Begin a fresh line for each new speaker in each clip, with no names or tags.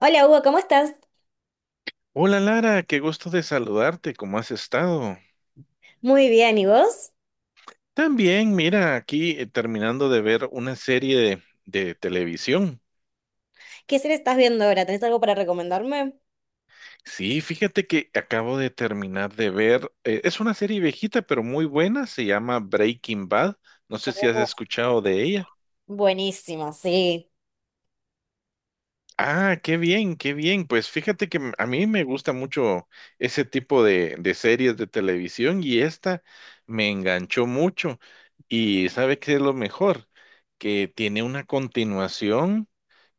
Hola Hugo, ¿cómo estás?
Hola Lara, qué gusto de saludarte, ¿cómo has estado?
Muy bien, ¿y vos?
También, mira, aquí terminando de ver una serie de televisión.
¿Qué serie estás viendo ahora? ¿Tenés algo para recomendarme?
Sí, fíjate que acabo de terminar de ver, es una serie viejita pero muy buena, se llama Breaking Bad, no sé si has
Oh,
escuchado de ella.
buenísimo, sí.
Ah, qué bien, qué bien. Pues fíjate que a mí me gusta mucho ese tipo de series de televisión y esta me enganchó mucho. Y ¿sabe qué es lo mejor? Que tiene una continuación.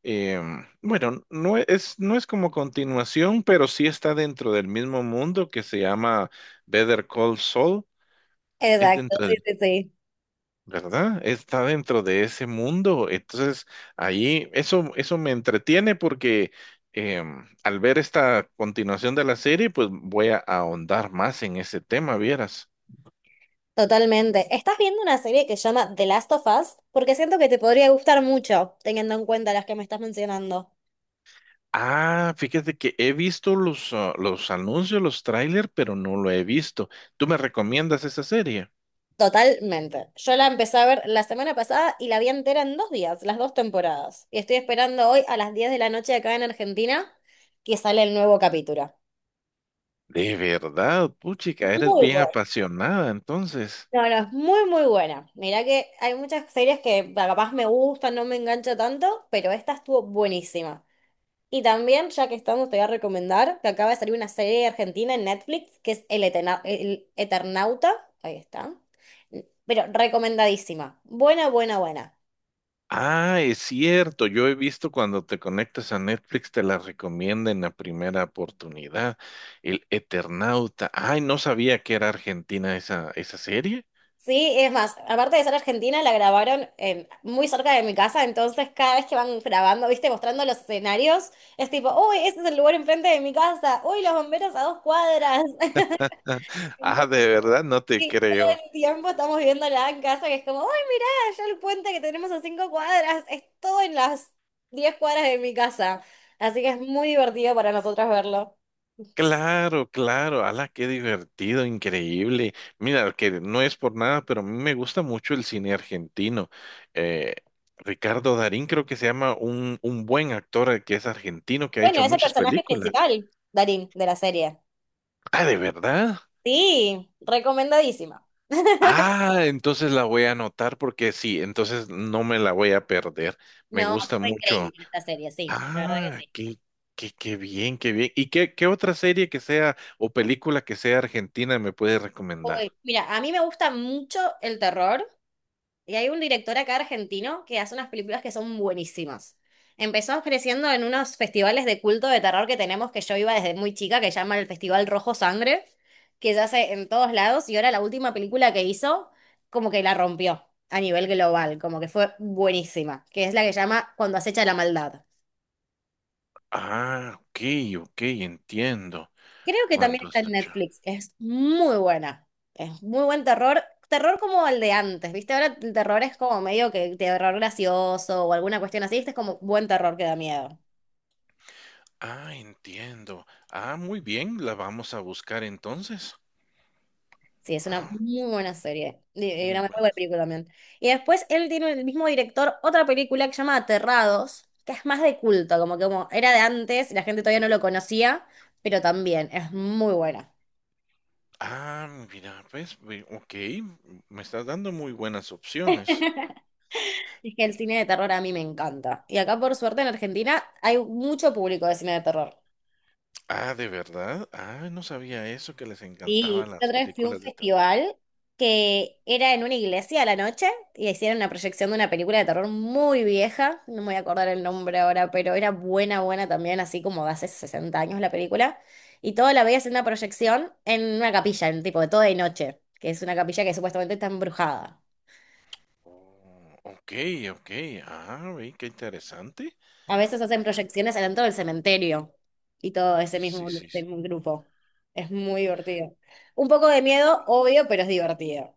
Bueno, no es como continuación, pero sí está dentro del mismo mundo que se llama Better Call Saul. Es
Exacto,
dentro
sí,
del
sí, sí.
¿verdad? Está dentro de ese mundo. Entonces, ahí eso me entretiene porque al ver esta continuación de la serie, pues voy a ahondar más en ese tema, vieras.
Totalmente. Estás viendo una serie que se llama The Last of Us porque siento que te podría gustar mucho, teniendo en cuenta las que me estás mencionando.
Ah, fíjate que he visto los anuncios, los trailers, pero no lo he visto. ¿Tú me recomiendas esa serie?
Totalmente. Yo la empecé a ver la semana pasada y la vi entera en 2 días, las dos temporadas. Y estoy esperando hoy a las 10 de la noche acá en Argentina que sale el nuevo capítulo.
De verdad, puchica, eres
Muy
bien
bueno.
apasionada, entonces.
No, no, es muy, muy buena. Mirá que hay muchas series que capaz me gustan, no me engancha tanto, pero esta estuvo buenísima. Y también, ya que estamos, te voy a recomendar que acaba de salir una serie argentina en Netflix que es El Eternauta. Ahí está. Pero recomendadísima. Buena, buena, buena.
Ah, es cierto, yo he visto cuando te conectas a Netflix te la recomienda en la primera oportunidad, El Eternauta. Ay, no sabía que era argentina esa serie.
Sí, es más, aparte de ser argentina, muy cerca de mi casa, entonces cada vez que van grabando, viste, mostrando los escenarios, es tipo, uy, ese es el lugar enfrente de mi casa, uy, los bomberos a dos cuadras.
Ah,
Entonces,
de verdad, no te
sí, todo
creo.
el tiempo estamos viéndola en casa, que es como, ¡ay, mirá! Allá el puente que tenemos a cinco cuadras, es todo en las 10 cuadras de mi casa. Así que es muy divertido para nosotras verlo.
Claro, claro, ala, qué divertido, increíble. Mira, que no es por nada, pero a mí me gusta mucho el cine argentino. Eh, Ricardo Darín creo que se llama un buen actor que es argentino, que ha hecho
Bueno, es el
muchas
personaje
películas.
principal, Darín, de la serie.
Ah, de verdad.
Sí, recomendadísima.
Ah, entonces la voy a anotar porque sí, entonces no me la voy a perder. Me
No,
gusta
fue
mucho.
increíble esta serie, sí, la verdad que
Ah,
sí.
qué, qué bien, qué bien. ¿Y qué otra serie que sea o película que sea argentina me puede recomendar?
Uy, mira, a mí me gusta mucho el terror. Y hay un director acá argentino que hace unas películas que son buenísimas. Empezó ofreciendo en unos festivales de culto de terror que tenemos, que yo iba desde muy chica, que se llama el Festival Rojo Sangre, que se hace en todos lados, y ahora la última película que hizo, como que la rompió a nivel global, como que fue buenísima, que es la que se llama Cuando acecha la maldad.
Ah, ok, ok, entiendo.
Creo que también
Cuando
está
está
en
hecho.
Netflix. Es muy buena. Es muy buen terror. Terror como el de antes, ¿viste? Ahora el terror es como medio que terror gracioso o alguna cuestión así. Este es como buen terror que da miedo.
Ah, entiendo. Ah, muy bien, la vamos a buscar entonces.
Sí, es una
Ah,
muy buena serie. Y
muy
una muy buena
buena.
película también. Y después él tiene el mismo director otra película que se llama Aterrados, que es más de culto, como que como era de antes, la gente todavía no lo conocía, pero también es muy buena.
Ah, mira, pues, ok, me estás dando muy buenas opciones.
Es que el cine de terror a mí me encanta. Y acá, por suerte, en Argentina hay mucho público de cine de terror.
Ah, ¿de verdad? Ah, no sabía eso, que les encantaban
Y la
las
otra vez fui a un
películas de terror.
festival que era en una iglesia a la noche y hicieron una proyección de una película de terror muy vieja, no me voy a acordar el nombre ahora, pero era buena, buena también, así como de hace 60 años la película. Y todo la veías en una proyección en una capilla, en tipo de toda de noche, que es una capilla que supuestamente está embrujada.
Oh, ok, ok. Ah, ve, qué interesante.
A veces hacen proyecciones adentro del cementerio y todo
Sí, sí,
ese
sí.
mismo grupo. Es muy divertido. Un poco de miedo, obvio, pero es divertido.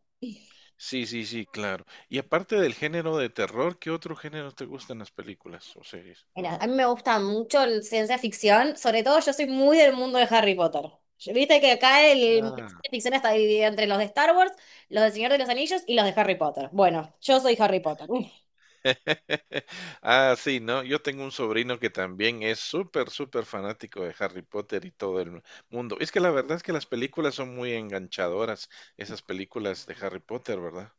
Sí, sí, sí, claro. Y aparte del género de terror, ¿qué otro género te gustan las películas o series?
Mira, a mí me gusta mucho el ciencia ficción, sobre todo yo soy muy del mundo de Harry Potter. Viste que acá el mundo
Ah.
ciencia ficción está dividido entre los de Star Wars, los del Señor de los Anillos y los de Harry Potter. Bueno, yo soy Harry Potter. Uf.
Ah, sí, ¿no? Yo tengo un sobrino que también es súper, súper fanático de Harry Potter y todo el mundo. Es que la verdad es que las películas son muy enganchadoras, esas películas de Harry Potter, ¿verdad?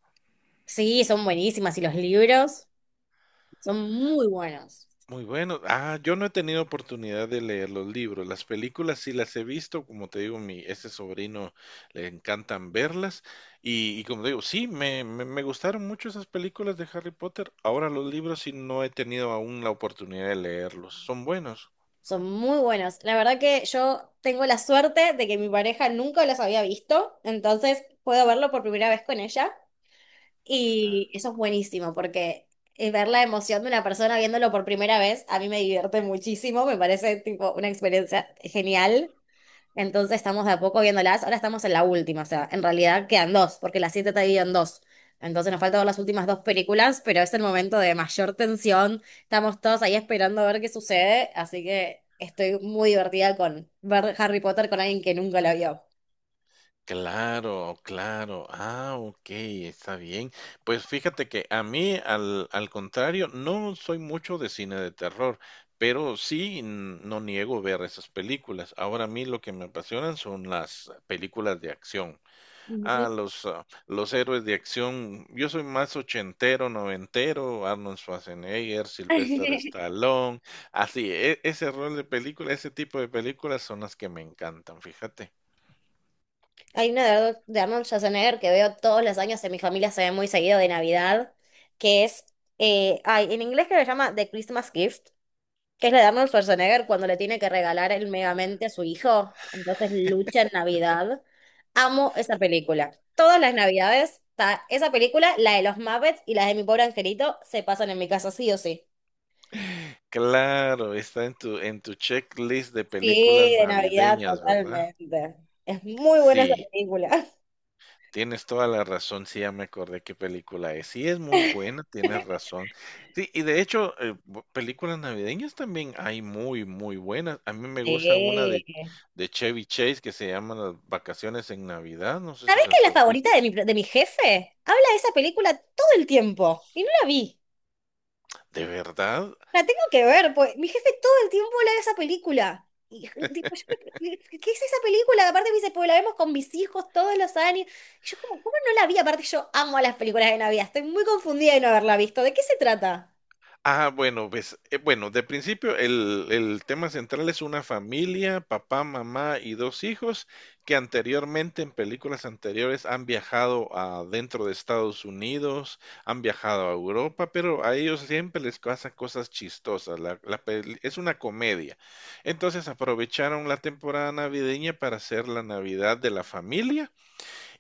Sí, son buenísimas y los libros son muy buenos.
Muy bueno. Ah, yo no he tenido oportunidad de leer los libros. Las películas sí las he visto, como te digo, mi ese sobrino le encantan verlas. Y como te digo, sí, me gustaron mucho esas películas de Harry Potter. Ahora los libros sí no he tenido aún la oportunidad de leerlos. Son buenos.
Son muy buenos. La verdad que yo tengo la suerte de que mi pareja nunca los había visto, entonces puedo verlo por primera vez con ella. Y eso es buenísimo porque ver la emoción de una persona viéndolo por primera vez, a mí me divierte muchísimo, me parece tipo una experiencia genial. Entonces estamos de a poco viéndolas, ahora estamos en la última, o sea, en realidad quedan dos, porque las siete está dividida en dos. Entonces nos falta ver las últimas dos películas, pero es el momento de mayor tensión, estamos todos ahí esperando a ver qué sucede, así que estoy muy divertida con ver Harry Potter con alguien que nunca la vio.
Claro, claro. Ah, ok, está bien. Pues fíjate que a mí, al contrario, no soy mucho de cine de terror, pero sí no niego ver esas películas. Ahora a mí lo que me apasionan son las películas de acción.
Ujú.
Los héroes de acción. Yo soy más ochentero, noventero, Arnold Schwarzenegger, Sylvester Stallone. Así, ese rol de película, ese tipo de películas son las que me encantan, fíjate.
Hay una de Arnold Schwarzenegger que veo todos los años en mi familia, se ve muy seguido de Navidad, que es, en inglés que se llama The Christmas Gift, que es la de Arnold Schwarzenegger cuando le tiene que regalar el Megamente a su hijo, entonces lucha en Navidad. Amo esa película. Todas las Navidades, está esa película, la de los Muppets y la de Mi Pobre Angelito, se pasan en mi casa sí o sí.
Claro, está en tu checklist de películas
Sí, de Navidad
navideñas, ¿verdad?
totalmente. Es muy buena esa
Sí,
película.
tienes toda la razón, sí, ya me acordé qué película es. Sí, es muy buena, tienes razón. Sí, y de hecho, películas navideñas también hay muy, muy buenas. A mí me gusta una
Sí.
de Chevy Chase que se llama Las Vacaciones en Navidad, no sé si
¿Sabés que es
las
la
has visto.
favorita de mi jefe? Habla de esa película todo el tiempo y no la vi.
¿De verdad?
La tengo que ver, pues mi jefe todo el tiempo habla de esa película. Y, tipo, yo ¿qué es esa película? Aparte me dice, pues la vemos con mis hijos todos los años. Y yo como, ¿cómo no la vi? Aparte yo amo las películas de Navidad. Estoy muy confundida de no haberla visto. ¿De qué se trata?
Ah, bueno, pues, bueno, de principio el tema central es una familia, papá, mamá y dos hijos que anteriormente en películas anteriores han viajado a dentro de Estados Unidos, han viajado a Europa, pero a ellos siempre les pasan cosas chistosas. Es una comedia. Entonces aprovecharon la temporada navideña para hacer la Navidad de la familia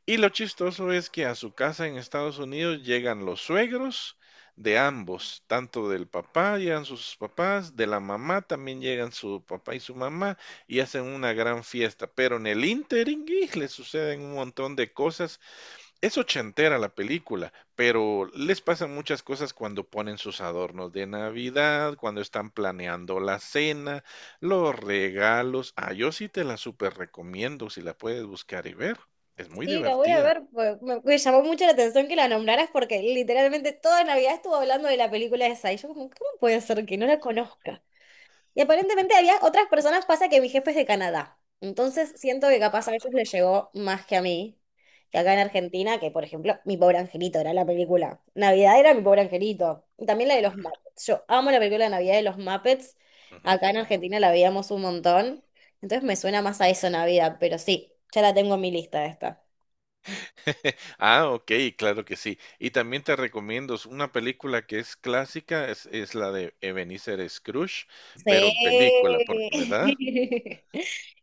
y lo chistoso es que a su casa en Estados Unidos llegan los suegros de ambos, tanto del papá, llegan sus papás, de la mamá también llegan su papá y su mamá y hacen una gran fiesta, pero en el ínterin y le suceden un montón de cosas, es ochentera la película, pero les pasan muchas cosas cuando ponen sus adornos de Navidad, cuando están planeando la cena, los regalos. Ah, yo sí te la super recomiendo si la puedes buscar y ver. Es muy
Sí, la voy a
divertida.
ver, pues. Me llamó mucho la atención que la nombraras porque literalmente toda Navidad estuvo hablando de la película esa. Y yo como, ¿cómo puede ser que no la conozca? Y aparentemente había otras personas, pasa que mi jefe es de Canadá. Entonces siento que capaz a
Ah,
ellos les llegó más que a mí, que acá en Argentina, que por ejemplo, Mi pobre angelito era la película. Navidad era Mi pobre angelito. Y también la de los
claro.
Muppets. Yo amo la película de Navidad de los Muppets. Acá en
Ujú.
Argentina la veíamos un montón. Entonces me suena más a eso Navidad, pero sí, ya la tengo en mi lista esta.
Ah, ok, claro que sí. Y también te recomiendo, es una película que es clásica, es la de Ebenezer Scrooge, pero
Sí.
en película, porque, ¿verdad?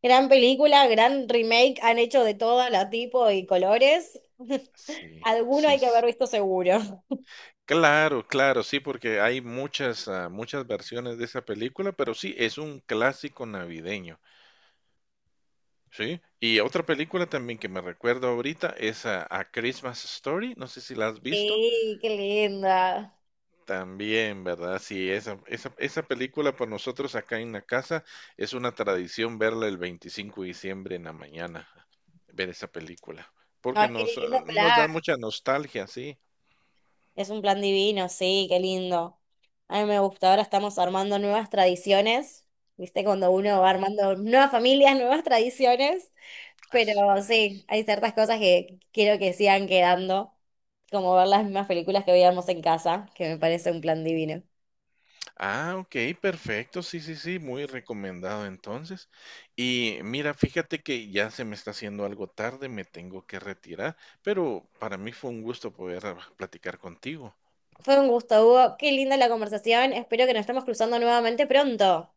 Gran película, gran remake, han hecho de todo, la tipo y colores.
Sí,
Alguno
sí,
hay que haber visto seguro.
claro, claro, sí, porque hay muchas, muchas versiones de esa película, pero sí, es un clásico navideño, ¿sí? Y otra película también que me recuerdo ahorita es A Christmas Story, no sé si la has visto,
Sí, qué linda.
también, ¿verdad? Sí, esa película para nosotros acá en la casa es una tradición verla el 25 de diciembre en la mañana, ver esa película, porque
Ay, qué
nos,
lindo
nos
plan.
da mucha nostalgia, sí,
Es un plan divino, sí, qué lindo. A mí me gusta. Ahora estamos armando nuevas tradiciones. ¿Viste? Cuando uno va armando nuevas familias, nuevas tradiciones. Pero
así
sí,
es.
hay ciertas cosas que quiero que sigan quedando. Como ver las mismas películas que veíamos en casa, que me parece un plan divino.
Ah, ok, perfecto, sí, sí, sí, muy recomendado entonces. Y mira, fíjate que ya se me está haciendo algo tarde, me tengo que retirar, pero para mí fue un gusto poder platicar contigo.
Fue un gusto, Hugo. Qué linda la conversación. Espero que nos estemos cruzando nuevamente pronto.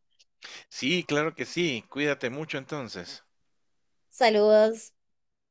Sí, claro que sí, cuídate mucho entonces.
Saludos.